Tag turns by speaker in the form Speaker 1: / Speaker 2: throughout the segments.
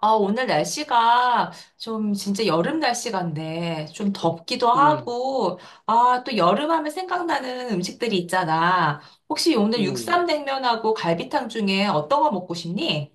Speaker 1: 아, 오늘 날씨가 좀 진짜 여름 날씨 같네. 좀 덥기도
Speaker 2: 음,
Speaker 1: 하고, 아, 또 여름 하면 생각나는 음식들이 있잖아. 혹시 오늘
Speaker 2: 음.
Speaker 1: 육쌈냉면하고 갈비탕 중에 어떤 거 먹고 싶니?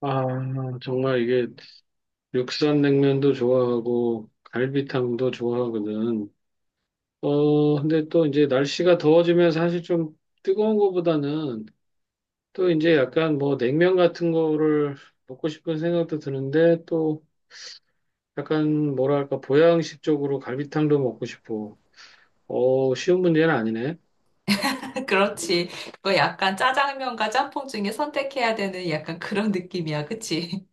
Speaker 2: 아, 정말 이게 육산냉면도 좋아하고 갈비탕도 좋아하거든. 어, 근데 또 이제 날씨가 더워지면 사실 좀 뜨거운 거보다는 또 이제 약간 뭐 냉면 같은 거를 먹고 싶은 생각도 드는데 또 약간 뭐랄까 보양식 쪽으로 갈비탕도 먹고 싶고. 어, 쉬운 문제는 아니네.
Speaker 1: 그렇지. 그거 약간 짜장면과 짬뽕 중에 선택해야 되는 약간 그런 느낌이야. 그치?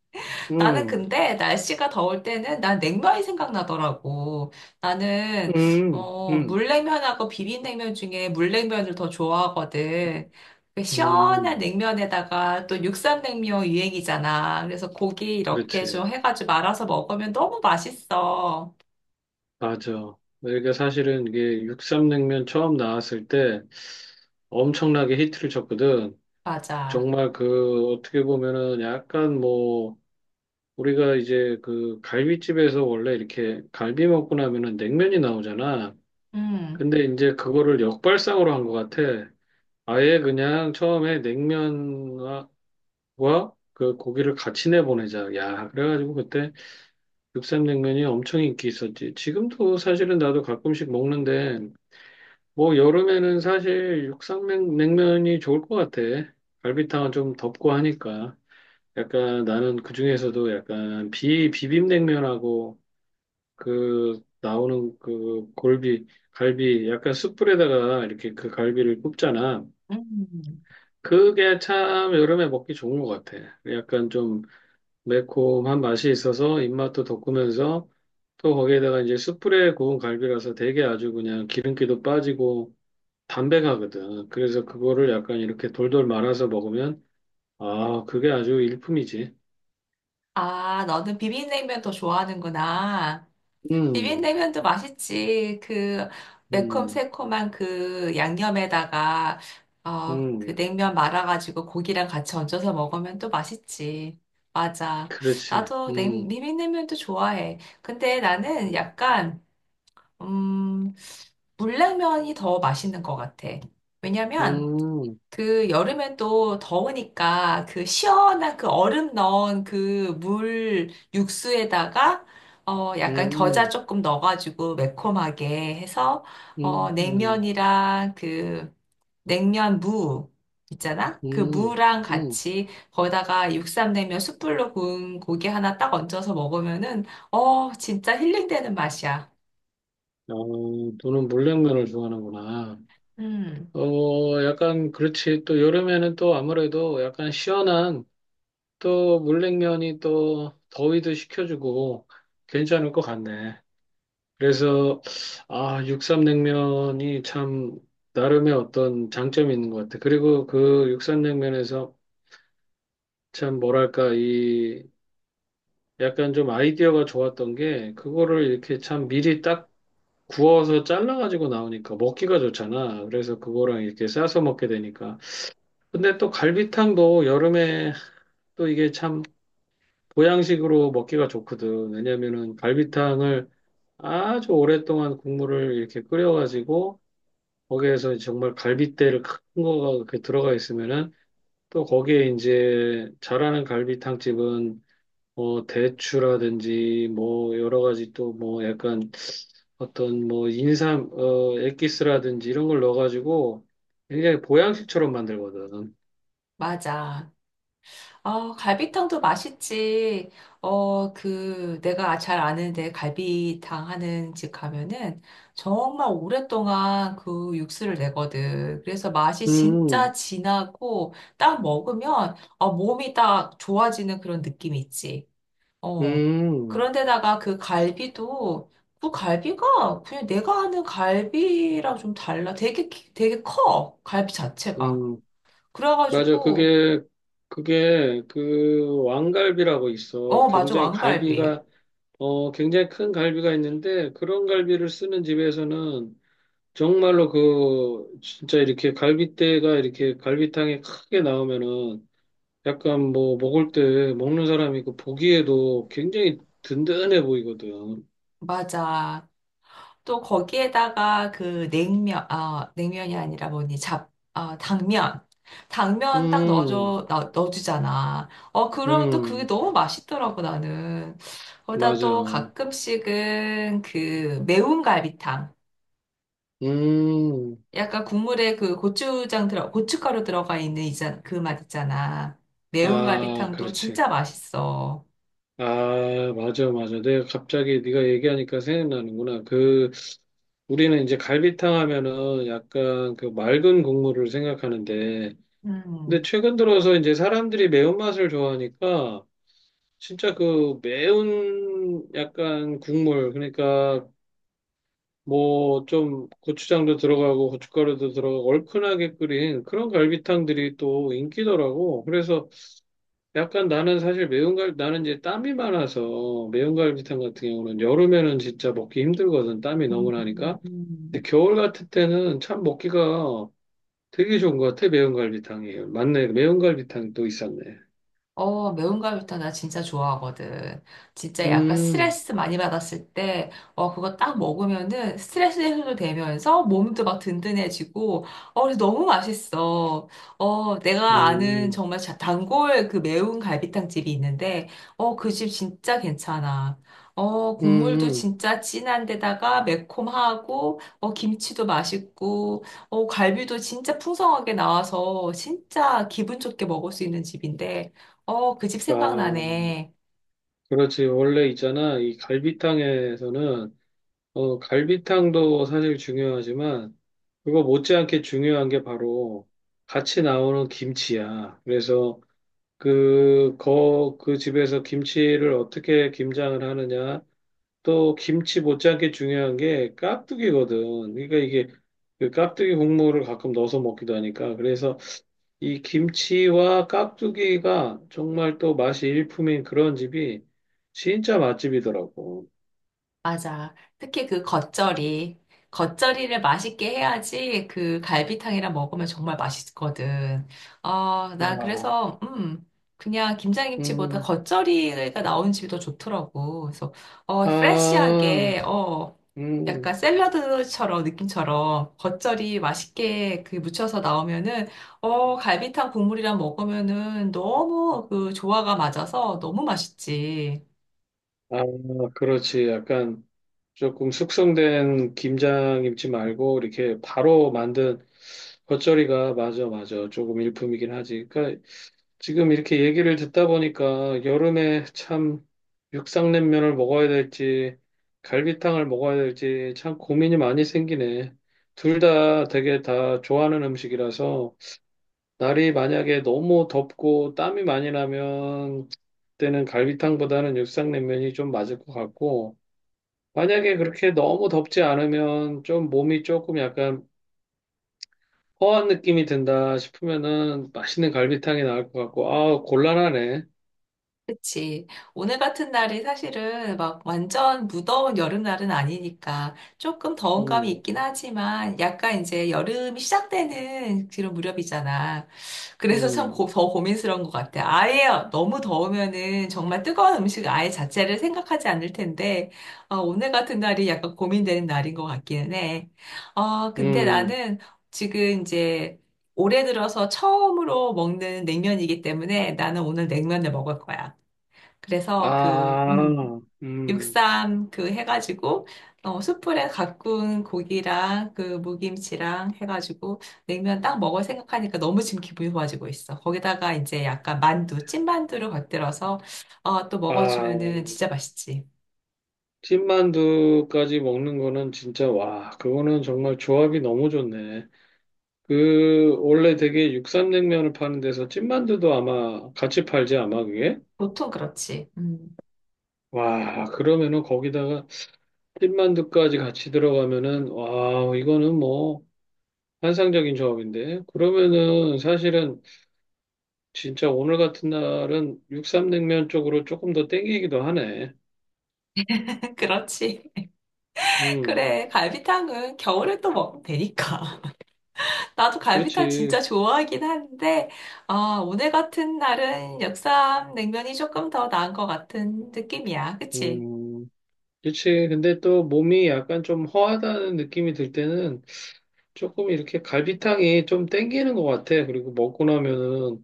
Speaker 1: 나는
Speaker 2: 음,
Speaker 1: 근데 날씨가 더울 때는 난 냉면이 생각나더라고. 나는
Speaker 2: 음, 음,
Speaker 1: 물냉면하고 비빔냉면 중에 물냉면을 더 좋아하거든. 그 시원한
Speaker 2: 음,
Speaker 1: 냉면에다가 또 육삼냉면 유행이잖아. 그래서 고기 이렇게
Speaker 2: 그렇지.
Speaker 1: 좀 해가지고 말아서 먹으면 너무 맛있어.
Speaker 2: 맞아. 내가 사실은 이게 육삼냉면 처음 나왔을 때 엄청나게 히트를 쳤거든.
Speaker 1: 맞아.
Speaker 2: 정말 그 어떻게 보면은 약간 뭐 우리가 이제 그 갈비집에서 원래 이렇게 갈비 먹고 나면은 냉면이 나오잖아.
Speaker 1: 음.
Speaker 2: 근데 이제 그거를 역발상으로 한 것 같아. 아예 그냥 처음에 냉면과 그 고기를 같이 내보내자. 야, 그래가지고 그때 육삼냉면이 엄청 인기 있었지. 지금도 사실은 나도 가끔씩 먹는데 뭐 여름에는 사실 육상냉면이 좋을 것 같아. 갈비탕은 좀 덥고 하니까. 약간 나는 그중에서도 약간 비 비빔냉면하고 그 나오는 그 골비 갈비 약간 숯불에다가 이렇게 그 갈비를 굽잖아.
Speaker 1: 음.
Speaker 2: 그게 참 여름에 먹기 좋은 것 같아. 약간 좀 매콤한 맛이 있어서 입맛도 돋구면서 또 거기에다가 이제 숯불에 구운 갈비라서 되게 아주 그냥 기름기도 빠지고 담백하거든. 그래서 그거를 약간 이렇게 돌돌 말아서 먹으면, 아, 그게 아주 일품이지.
Speaker 1: 아, 너는 비빔냉면 더 좋아하는구나.
Speaker 2: 음,
Speaker 1: 비빔냉면도 맛있지. 그
Speaker 2: 음,
Speaker 1: 매콤새콤한 그 양념에다가 그
Speaker 2: 음,
Speaker 1: 냉면 말아가지고 고기랑 같이 얹어서 먹으면 또 맛있지. 맞아.
Speaker 2: 그렇지.
Speaker 1: 나도 비빔냉면도 좋아해. 근데 나는
Speaker 2: 음,
Speaker 1: 약간 음, 물냉면이 더 맛있는 것 같아. 왜냐면
Speaker 2: 음,
Speaker 1: 그 여름엔 또 더우니까 그 시원한 그 얼음 넣은 그 물 육수에다가 약간 겨자
Speaker 2: 음,
Speaker 1: 조금 넣어가지고 매콤하게 해서
Speaker 2: 음, 음,
Speaker 1: 냉면이랑 그 냉면 무. 있잖아? 그
Speaker 2: 음.
Speaker 1: 무랑
Speaker 2: 음.
Speaker 1: 같이 거기다가 육삼냉면 숯불로 구운 고기 하나 딱 얹어서 먹으면은 진짜 힐링되는 맛이야.
Speaker 2: 어, 너는 물냉면을 좋아하는구나.
Speaker 1: 음
Speaker 2: 어, 약간 그렇지. 또 여름에는 또 아무래도 약간 시원한 또 물냉면이 또 더위도 식혀주고 괜찮을 것 같네. 그래서 아, 육삼냉면이 참 나름의 어떤 장점이 있는 것 같아. 그리고 그 육삼냉면에서 참 뭐랄까 이 약간 좀 아이디어가 좋았던 게 그거를 이렇게 참 미리 딱 구워서 잘라가지고 나오니까 먹기가 좋잖아. 그래서 그거랑 이렇게 싸서 먹게 되니까. 근데 또 갈비탕도 여름에 또 이게 참 보양식으로 먹기가 좋거든. 왜냐면은 갈비탕을 아주 오랫동안 국물을 이렇게 끓여가지고 거기에서 정말 갈빗대를 큰 거가 이렇게 들어가 있으면은 또 거기에 이제 잘하는 갈비탕집은 뭐 대추라든지 뭐 여러 가지 또 뭐 약간 어떤 뭐 인삼 어 엑기스라든지 이런 걸 넣어가지고 굉장히 보양식처럼 만들거든.
Speaker 1: 맞아. 아, 갈비탕도 맛있지. 내가 잘 아는데 갈비탕 하는 집 가면은 정말 오랫동안 그 육수를 내거든. 그래서 맛이
Speaker 2: 음,
Speaker 1: 진짜 진하고 딱 먹으면 몸이 딱 좋아지는 그런 느낌이 있지. 어.
Speaker 2: 음,
Speaker 1: 그런데다가 그 갈비도. 그 갈비가 그냥 내가 아는 갈비랑 좀 달라. 되게, 되게 커. 갈비 자체가.
Speaker 2: 음, 맞아.
Speaker 1: 그래가지고,
Speaker 2: 그게 그 왕갈비라고 있어.
Speaker 1: 맞아.
Speaker 2: 굉장히
Speaker 1: 왕갈비.
Speaker 2: 갈비가 어, 굉장히 큰 갈비가 있는데 그런 갈비를 쓰는 집에서는 정말로 그 진짜 이렇게 갈비대가 이렇게 갈비탕에 크게 나오면은 약간 뭐 먹을 때 먹는 사람이 그 보기에도 굉장히 든든해 보이거든.
Speaker 1: 맞아. 또 거기에다가 그 냉면, 아, 냉면이 아니라 뭐니, 아, 당면.
Speaker 2: 음,
Speaker 1: 넣어주잖아. 어, 그러면 또 그게
Speaker 2: 음,
Speaker 1: 너무 맛있더라고, 나는. 거기다
Speaker 2: 맞아.
Speaker 1: 또 가끔씩은 그 매운 갈비탕.
Speaker 2: 음,
Speaker 1: 약간 국물에 그 고추장 고춧가루 들어가 있는 이자, 그 맛 있잖아. 매운
Speaker 2: 아,
Speaker 1: 갈비탕도
Speaker 2: 그렇지.
Speaker 1: 진짜 맛있어.
Speaker 2: 아, 맞아, 맞아. 내가 갑자기 네가 얘기하니까 생각나는구나. 그 우리는 이제 갈비탕 하면은 약간 그 맑은 국물을 생각하는데, 근데
Speaker 1: 음.
Speaker 2: 최근 들어서 이제 사람들이 매운맛을 좋아하니까, 진짜 그 매운 약간 국물, 그러니까 뭐 좀 고추장도 들어가고 고춧가루도 들어가고 얼큰하게 끓인 그런 갈비탕들이 또 인기더라고. 그래서 약간 나는 사실 나는 이제 땀이 많아서 매운 갈비탕 같은 경우는 여름에는 진짜 먹기 힘들거든. 땀이
Speaker 1: 음,
Speaker 2: 너무
Speaker 1: 음,
Speaker 2: 나니까. 근데
Speaker 1: 음.
Speaker 2: 겨울 같을 때는 참 먹기가 되게 좋은 것 같아, 매운갈비탕이. 맞네, 매운갈비탕도 있었네.
Speaker 1: 어, 매운가루탕 나 진짜 좋아하거든. 진짜 약간
Speaker 2: 음,
Speaker 1: 스트레스 많이 받았을 때, 그거 딱 먹으면은 스트레스 해소도 되면서 몸도 막 든든해지고, 그래서 너무 맛있어. 어, 내가 아는
Speaker 2: 음,
Speaker 1: 정말 단골 그 매운 갈비탕 집이 있는데, 어, 그 집 진짜 괜찮아. 국물도
Speaker 2: 음.
Speaker 1: 진짜 진한데다가 매콤하고, 김치도 맛있고, 갈비도 진짜 풍성하게 나와서 진짜 기분 좋게 먹을 수 있는 집인데, 그 집
Speaker 2: 아,
Speaker 1: 생각나네.
Speaker 2: 그렇지. 원래 있잖아. 이 갈비탕에서는, 어, 갈비탕도 사실 중요하지만, 그거 못지않게 중요한 게 바로 같이 나오는 김치야. 그래서 그 집에서 김치를 어떻게 김장을 하느냐, 또 김치 못지않게 중요한 게 깍두기거든. 그러니까 이게 그 깍두기 국물을 가끔 넣어서 먹기도 하니까. 그래서 이 김치와 깍두기가 정말 또 맛이 일품인 그런 집이 진짜 맛집이더라고.
Speaker 1: 맞아. 특히 그 겉절이. 겉절이를 맛있게 해야지 그 갈비탕이랑 먹으면 정말 맛있거든. 어, 나
Speaker 2: 아,
Speaker 1: 그래서, 그냥 김장김치보다
Speaker 2: 음,
Speaker 1: 겉절이가 나온 집이 더 좋더라고. 그래서, 어,
Speaker 2: 아,
Speaker 1: 프레쉬하게, 어, 약간
Speaker 2: 음,
Speaker 1: 샐러드처럼, 느낌처럼 겉절이 맛있게 그 무쳐서 나오면은, 갈비탕 국물이랑 먹으면은 너무 그 조화가 맞아서 너무 맛있지.
Speaker 2: 아, 그렇지. 약간 조금 숙성된 김장김치 말고 이렇게 바로 만든 겉절이가 맞아, 맞아. 조금 일품이긴 하지. 그러니까 지금 이렇게 얘기를 듣다 보니까 여름에 참 육상냉면을 먹어야 될지 갈비탕을 먹어야 될지 참 고민이 많이 생기네. 둘 다 되게 다 좋아하는 음식이라서 날이 만약에 너무 덥고 땀이 많이 나면 그때는 갈비탕보다는 육상냉면이 좀 맞을 것 같고 만약에 그렇게 너무 덥지 않으면 좀 몸이 조금 약간 허한 느낌이 든다 싶으면은 맛있는 갈비탕이 나을 것 같고 아 곤란하네.
Speaker 1: 그치. 오늘 같은 날이 사실은 막 완전 무더운 여름날은 아니니까 조금 더운 감이
Speaker 2: 음.
Speaker 1: 있긴 하지만 약간 이제 여름이 시작되는 그런 무렵이잖아. 그래서 참
Speaker 2: 음,
Speaker 1: 더 고민스러운 것 같아. 아예 너무 더우면은 정말 뜨거운 음식 아예 자체를 생각하지 않을 텐데, 오늘 같은 날이 약간 고민되는 날인 것 같기는 해. 어, 근데
Speaker 2: 음,
Speaker 1: 나는 지금 이제 올해 들어서 처음으로 먹는 냉면이기 때문에 나는 오늘 냉면을 먹을 거야. 그래서 그,
Speaker 2: 아, 음,
Speaker 1: 육삼 그 해가지고, 숯불에 가꾼 고기랑 그 무김치랑 해가지고 냉면 딱 먹을 생각하니까 너무 지금 기분이 좋아지고 있어. 거기다가 이제 약간 만두, 찐만두를 곁들여서, 또
Speaker 2: 아,
Speaker 1: 먹어주면은 진짜 맛있지.
Speaker 2: 찐만두까지 먹는 거는 진짜, 와, 그거는 정말 조합이 너무 좋네. 그, 원래 되게 육삼냉면을 파는 데서 찐만두도 아마 같이 팔지, 아마 그게?
Speaker 1: 보통 그렇지.
Speaker 2: 와, 그러면은 거기다가 찐만두까지 같이 들어가면은, 와, 이거는 뭐, 환상적인 조합인데. 그러면은 사실은 진짜 오늘 같은 날은 육삼냉면 쪽으로 조금 더 땡기기도 하네.
Speaker 1: 그렇지.
Speaker 2: 음.
Speaker 1: 그래. 갈비탕은 겨울에 또 먹으면 되니까. 나도 갈비탕
Speaker 2: 그렇지.
Speaker 1: 진짜 좋아하긴 한데, 아, 오늘 같은 날은 역삼 냉면이 조금 더 나은 것 같은 느낌이야. 그치?
Speaker 2: 음, 그렇지. 근데 또 몸이 약간 좀 허하다는 느낌이 들 때는 조금 이렇게 갈비탕이 좀 땡기는 것 같아. 그리고 먹고 나면은,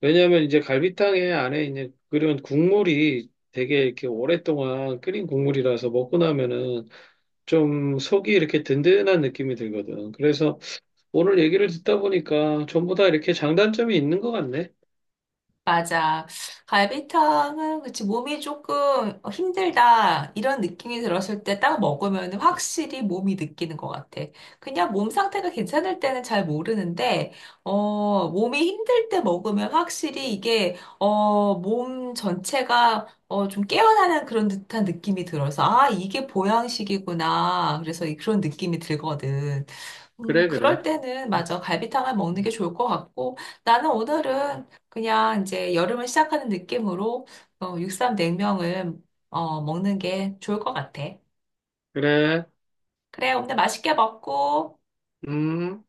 Speaker 2: 왜냐면 이제 갈비탕에 안에 이제 그런 국물이 되게 이렇게 오랫동안 끓인 국물이라서 먹고 나면은 좀 속이 이렇게 든든한 느낌이 들거든. 그래서 오늘 얘기를 듣다 보니까 전부 다 이렇게 장단점이 있는 것 같네.
Speaker 1: 맞아. 갈비탕은 그치 몸이 조금 힘들다 이런 느낌이 들었을 때 딱 먹으면 확실히 몸이 느끼는 것 같아. 그냥 몸 상태가 괜찮을 때는 잘 모르는데 몸이 힘들 때 먹으면 확실히 이게 몸 전체가 좀 깨어나는 그런 듯한 느낌이 들어서 아 이게 보양식이구나. 그래서 그런 느낌이 들거든.
Speaker 2: 그래,
Speaker 1: 그럴
Speaker 2: 그래.
Speaker 1: 때는 맞아. 갈비탕을 먹는 게
Speaker 2: 음,
Speaker 1: 좋을 것 같고, 나는 오늘은 그냥 이제 여름을 시작하는 느낌으로 육삼 냉면을 먹는 게 좋을 것 같아.
Speaker 2: 그래.
Speaker 1: 그래, 오늘 맛있게 먹고.
Speaker 2: 음.